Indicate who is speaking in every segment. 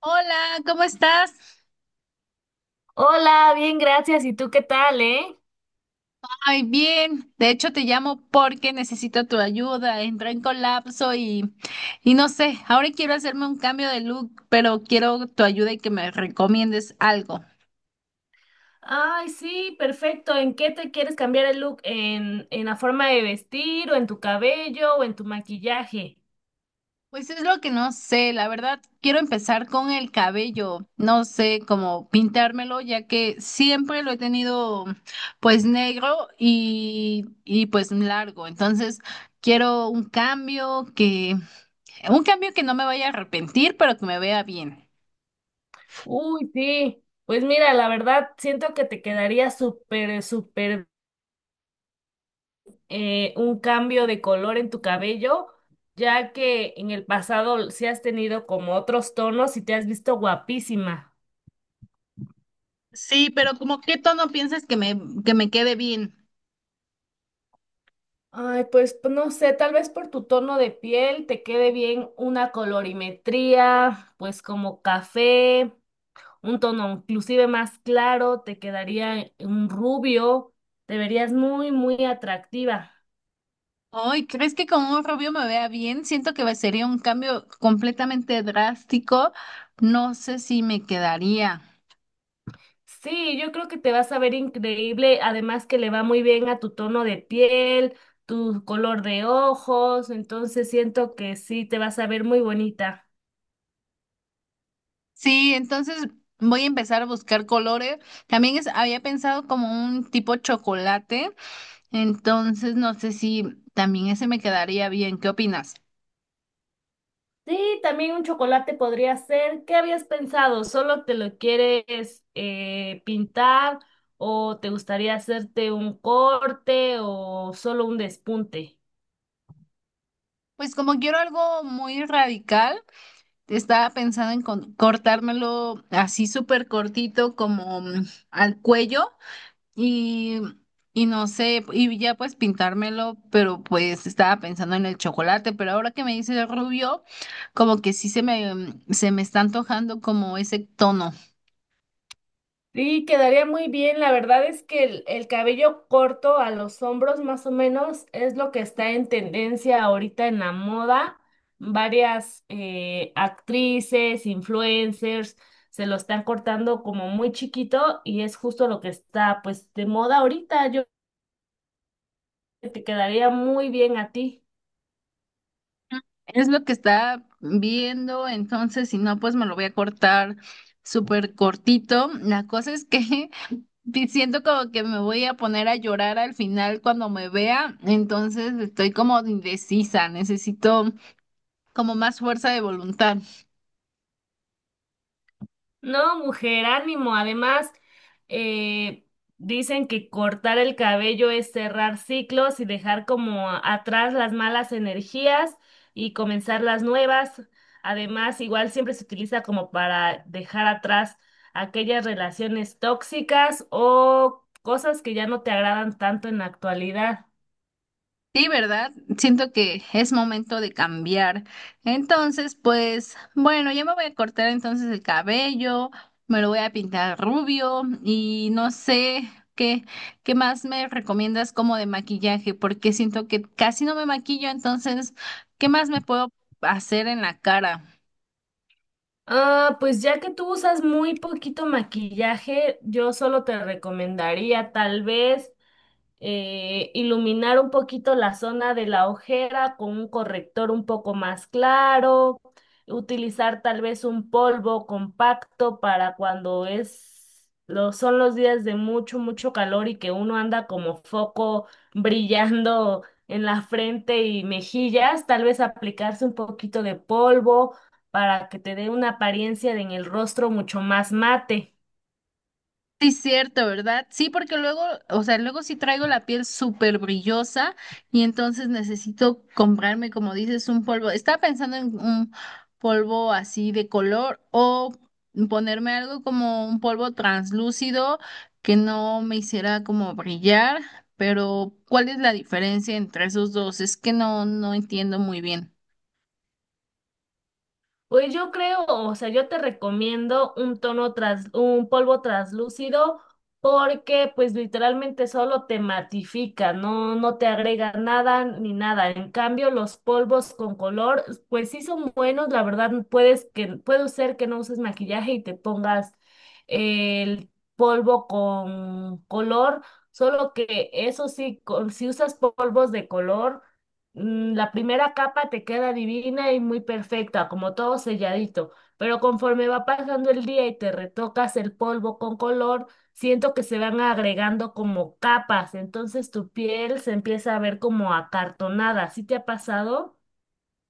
Speaker 1: Hola, ¿cómo estás?
Speaker 2: Hola, bien, gracias. ¿Y tú qué tal,
Speaker 1: Ay, bien. De hecho, te llamo porque necesito tu ayuda. Entré en colapso y no sé, ahora quiero hacerme un cambio de look, pero quiero tu ayuda y que me recomiendes algo.
Speaker 2: Ay, sí, perfecto. ¿En qué te quieres cambiar el look? ¿En la forma de vestir o en tu cabello o en tu maquillaje?
Speaker 1: Pues es lo que no sé, la verdad, quiero empezar con el cabello. No sé cómo pintármelo, ya que siempre lo he tenido pues negro y pues largo. Entonces, quiero un cambio que... Un cambio que no me vaya a arrepentir, pero que me vea bien.
Speaker 2: Uy, sí. Pues mira, la verdad, siento que te quedaría súper, súper, un cambio de color en tu cabello, ya que en el pasado sí has tenido como otros tonos y te has visto guapísima.
Speaker 1: Sí, pero como qué tono piensas que me quede bien.
Speaker 2: Ay, pues no sé, tal vez por tu tono de piel te quede bien una colorimetría, pues como café, un tono inclusive más claro, te quedaría un rubio, te verías muy, muy atractiva.
Speaker 1: Ay, ¿crees que con un rubio me vea bien? Siento que sería un cambio completamente drástico. No sé si me quedaría.
Speaker 2: Sí, yo creo que te vas a ver increíble, además que le va muy bien a tu tono de piel, tu color de ojos, entonces siento que sí, te vas a ver muy bonita.
Speaker 1: Sí, entonces voy a empezar a buscar colores. También es, había pensado como un tipo chocolate. Entonces no sé si también ese me quedaría bien. ¿Qué opinas?
Speaker 2: Sí, también un chocolate podría ser. ¿Qué habías pensado? ¿Solo te lo quieres pintar o te gustaría hacerte un corte o solo un despunte?
Speaker 1: Pues como quiero algo muy radical. Estaba pensando en cortármelo así súper cortito como al cuello y, y no sé, y ya pues pintármelo, pero pues estaba pensando en el chocolate, pero ahora que me dice el rubio, como que sí se me, se me está antojando como ese tono.
Speaker 2: Sí, quedaría muy bien. La verdad es que el cabello corto a los hombros más o menos es lo que está en tendencia ahorita en la moda. Varias actrices, influencers se lo están cortando como muy chiquito y es justo lo que está pues de moda ahorita. Yo que te quedaría muy bien a ti.
Speaker 1: Es lo que está viendo, entonces si no, pues me lo voy a cortar súper cortito. La cosa es que... Sí, siento como que me voy a poner a llorar al final cuando me vea, entonces estoy como indecisa, necesito como más fuerza de voluntad.
Speaker 2: No, mujer, ánimo. Además, eh, dicen que cortar el cabello es cerrar ciclos y dejar como atrás las malas energías y comenzar las nuevas. Además, igual siempre se utiliza como para dejar atrás aquellas relaciones tóxicas o cosas que ya no te agradan tanto en la actualidad.
Speaker 1: Sí, ¿verdad? Siento que es momento de cambiar. Entonces, pues bueno, ya me voy a cortar entonces el cabello, me lo voy a pintar rubio y no sé qué, qué más me recomiendas como de maquillaje, porque siento que casi no me maquillo, entonces, ¿qué más me puedo hacer en la cara?
Speaker 2: Ah, pues ya que tú usas muy poquito maquillaje, yo solo te recomendaría tal vez iluminar un poquito la zona de la ojera con un corrector un poco más claro, utilizar tal vez un polvo compacto para cuando son los días de mucho, mucho calor y que uno anda como foco brillando en la frente y mejillas, tal vez aplicarse un poquito de polvo para que te dé una apariencia en el rostro mucho más mate.
Speaker 1: Sí, cierto, ¿verdad? Sí, porque luego, o sea, luego sí traigo la piel súper brillosa y entonces necesito comprarme, como dices, un polvo. Estaba pensando en un polvo así de color o ponerme algo como un polvo translúcido que no me hiciera como brillar, pero ¿cuál es la diferencia entre esos dos? Es que no entiendo muy bien.
Speaker 2: Pues yo creo, o sea, yo te recomiendo un un polvo translúcido porque pues literalmente solo te matifica, no, no te agrega nada ni nada. En cambio, los polvos con color, pues sí son buenos, la verdad, puede ser que no uses maquillaje y te pongas el polvo con color, solo que eso sí, si usas polvos de color la primera capa te queda divina y muy perfecta, como todo selladito, pero conforme va pasando el día y te retocas el polvo con color, siento que se van agregando como capas, entonces tu piel se empieza a ver como acartonada. ¿Sí te ha pasado?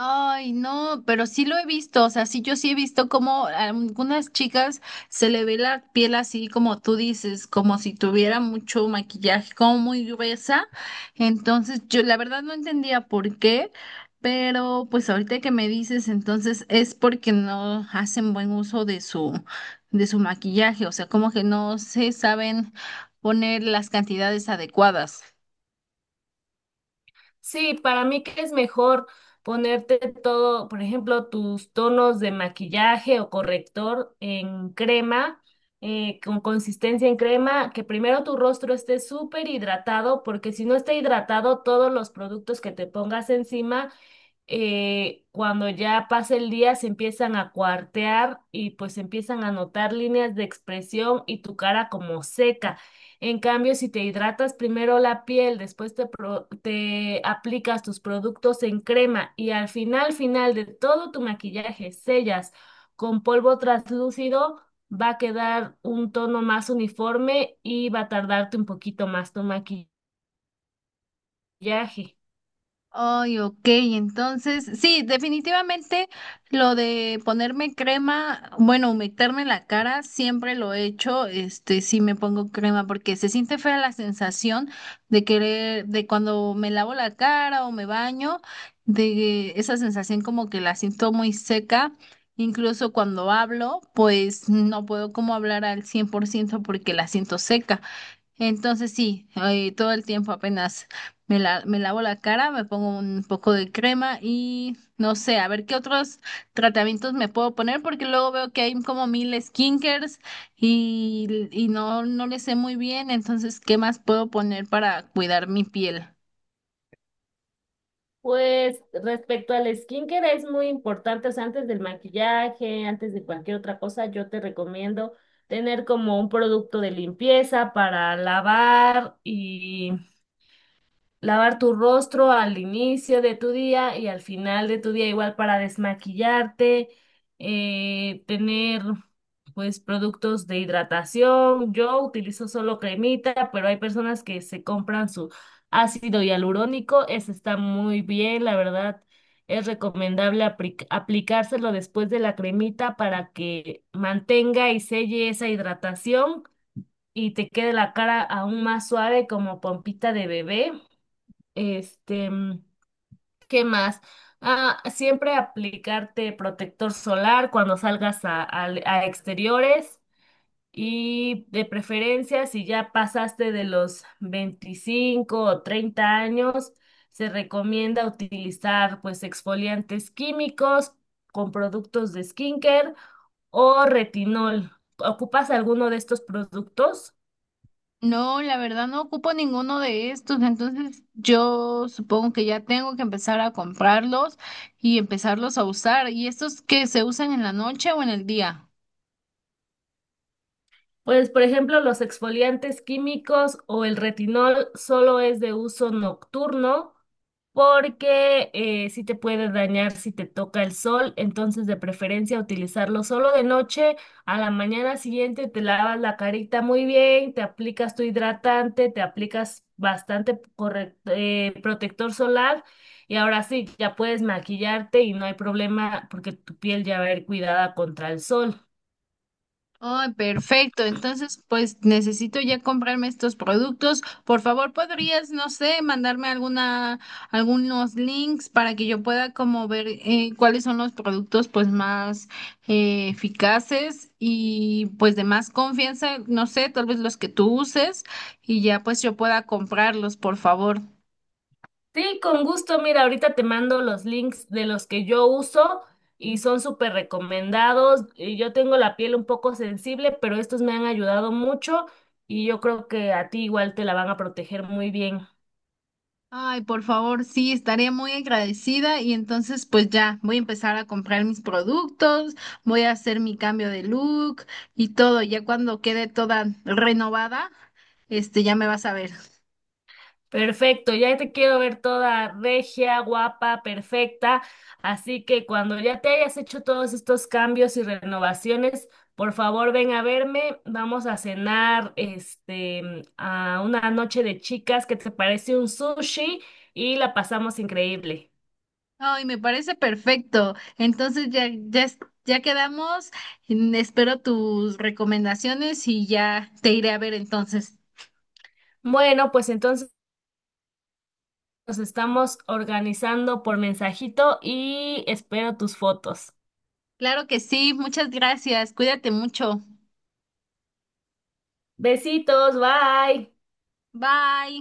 Speaker 1: Ay, no, pero sí lo he visto, o sea, sí yo sí he visto como a algunas chicas se le ve la piel así como tú dices, como si tuviera mucho maquillaje, como muy gruesa. Entonces, yo la verdad no entendía por qué, pero pues ahorita que me dices, entonces es porque no hacen buen uso de su maquillaje, o sea, como que no se saben poner las cantidades adecuadas.
Speaker 2: Sí, para mí que es mejor ponerte todo, por ejemplo, tus tonos de maquillaje o corrector en crema, con consistencia en crema, que primero tu rostro esté súper hidratado, porque si no está hidratado, todos los productos que te pongas encima cuando ya pasa el día se empiezan a cuartear y pues empiezan a notar líneas de expresión y tu cara como seca. En cambio, si te hidratas primero la piel, después te aplicas tus productos en crema y al final, final de todo tu maquillaje sellas con polvo translúcido, va a quedar un tono más uniforme y va a tardarte un poquito más tu maquillaje.
Speaker 1: Ay, ok, entonces, sí, definitivamente lo de ponerme crema, bueno, humectarme la cara, siempre lo he hecho, este, sí me pongo crema porque se siente fea la sensación de querer, de cuando me lavo la cara o me baño, de esa sensación como que la siento muy seca, incluso cuando hablo, pues no puedo como hablar al 100% porque la siento seca. Entonces sí, todo el tiempo apenas me lavo la cara, me pongo un poco de crema y no sé, a ver qué otros tratamientos me puedo poner porque luego veo que hay como mil skincares y no le sé muy bien, entonces, ¿qué más puedo poner para cuidar mi piel?
Speaker 2: Pues respecto al skincare es muy importante, o sea, antes del maquillaje, antes de cualquier otra cosa, yo te recomiendo tener como un producto de limpieza para lavar tu rostro al inicio de tu día y al final de tu día igual para desmaquillarte, tener pues productos de hidratación. Yo utilizo solo cremita, pero hay personas que se compran su ácido hialurónico. Ese está muy bien, la verdad. Es recomendable aplicárselo después de la cremita para que mantenga y selle esa hidratación y te quede la cara aún más suave como pompita de bebé. Este, mm, ¿qué más? Ah, siempre aplicarte protector solar cuando salgas a exteriores y de preferencia si ya pasaste de los 25 o 30 años, se recomienda utilizar pues exfoliantes químicos con productos de skincare o retinol. ¿Ocupas alguno de estos productos?
Speaker 1: No, la verdad no ocupo ninguno de estos, entonces yo supongo que ya tengo que empezar a comprarlos y empezarlos a usar. ¿Y estos que se usan en la noche o en el día?
Speaker 2: Pues, por ejemplo, los exfoliantes químicos o el retinol solo es de uso nocturno porque sí te puede dañar si te toca el sol, entonces de preferencia utilizarlo solo de noche. A la mañana siguiente te lavas la carita muy bien, te aplicas tu hidratante, te aplicas bastante protector solar y ahora sí, ya puedes maquillarte y no hay problema porque tu piel ya va a ir cuidada contra el sol.
Speaker 1: Ay, perfecto. Entonces, pues necesito ya comprarme estos productos. Por favor, podrías, no sé, mandarme alguna, algunos links para que yo pueda como ver cuáles son los productos pues más eficaces y pues de más confianza, no sé, tal vez los que tú uses y ya pues yo pueda comprarlos, por favor.
Speaker 2: Sí, con gusto. Mira, ahorita te mando los links de los que yo uso y son súper recomendados. Yo tengo la piel un poco sensible, pero estos me han ayudado mucho y yo creo que a ti igual te la van a proteger muy bien.
Speaker 1: Ay, por favor, sí, estaría muy agradecida y entonces pues ya voy a empezar a comprar mis productos, voy a hacer mi cambio de look y todo. Ya cuando quede toda renovada, este ya me vas a ver.
Speaker 2: Perfecto, ya te quiero ver toda regia, guapa, perfecta. Así que cuando ya te hayas hecho todos estos cambios y renovaciones, por favor ven a verme. Vamos a cenar a una noche de chicas, que te parece un sushi y la pasamos increíble.
Speaker 1: Ay, me parece perfecto. Entonces ya quedamos. Mm, espero tus recomendaciones y ya te iré a ver entonces.
Speaker 2: Bueno, pues entonces nos estamos organizando por mensajito y espero tus fotos.
Speaker 1: Claro que sí, muchas gracias. Cuídate mucho.
Speaker 2: Besitos, bye.
Speaker 1: Bye.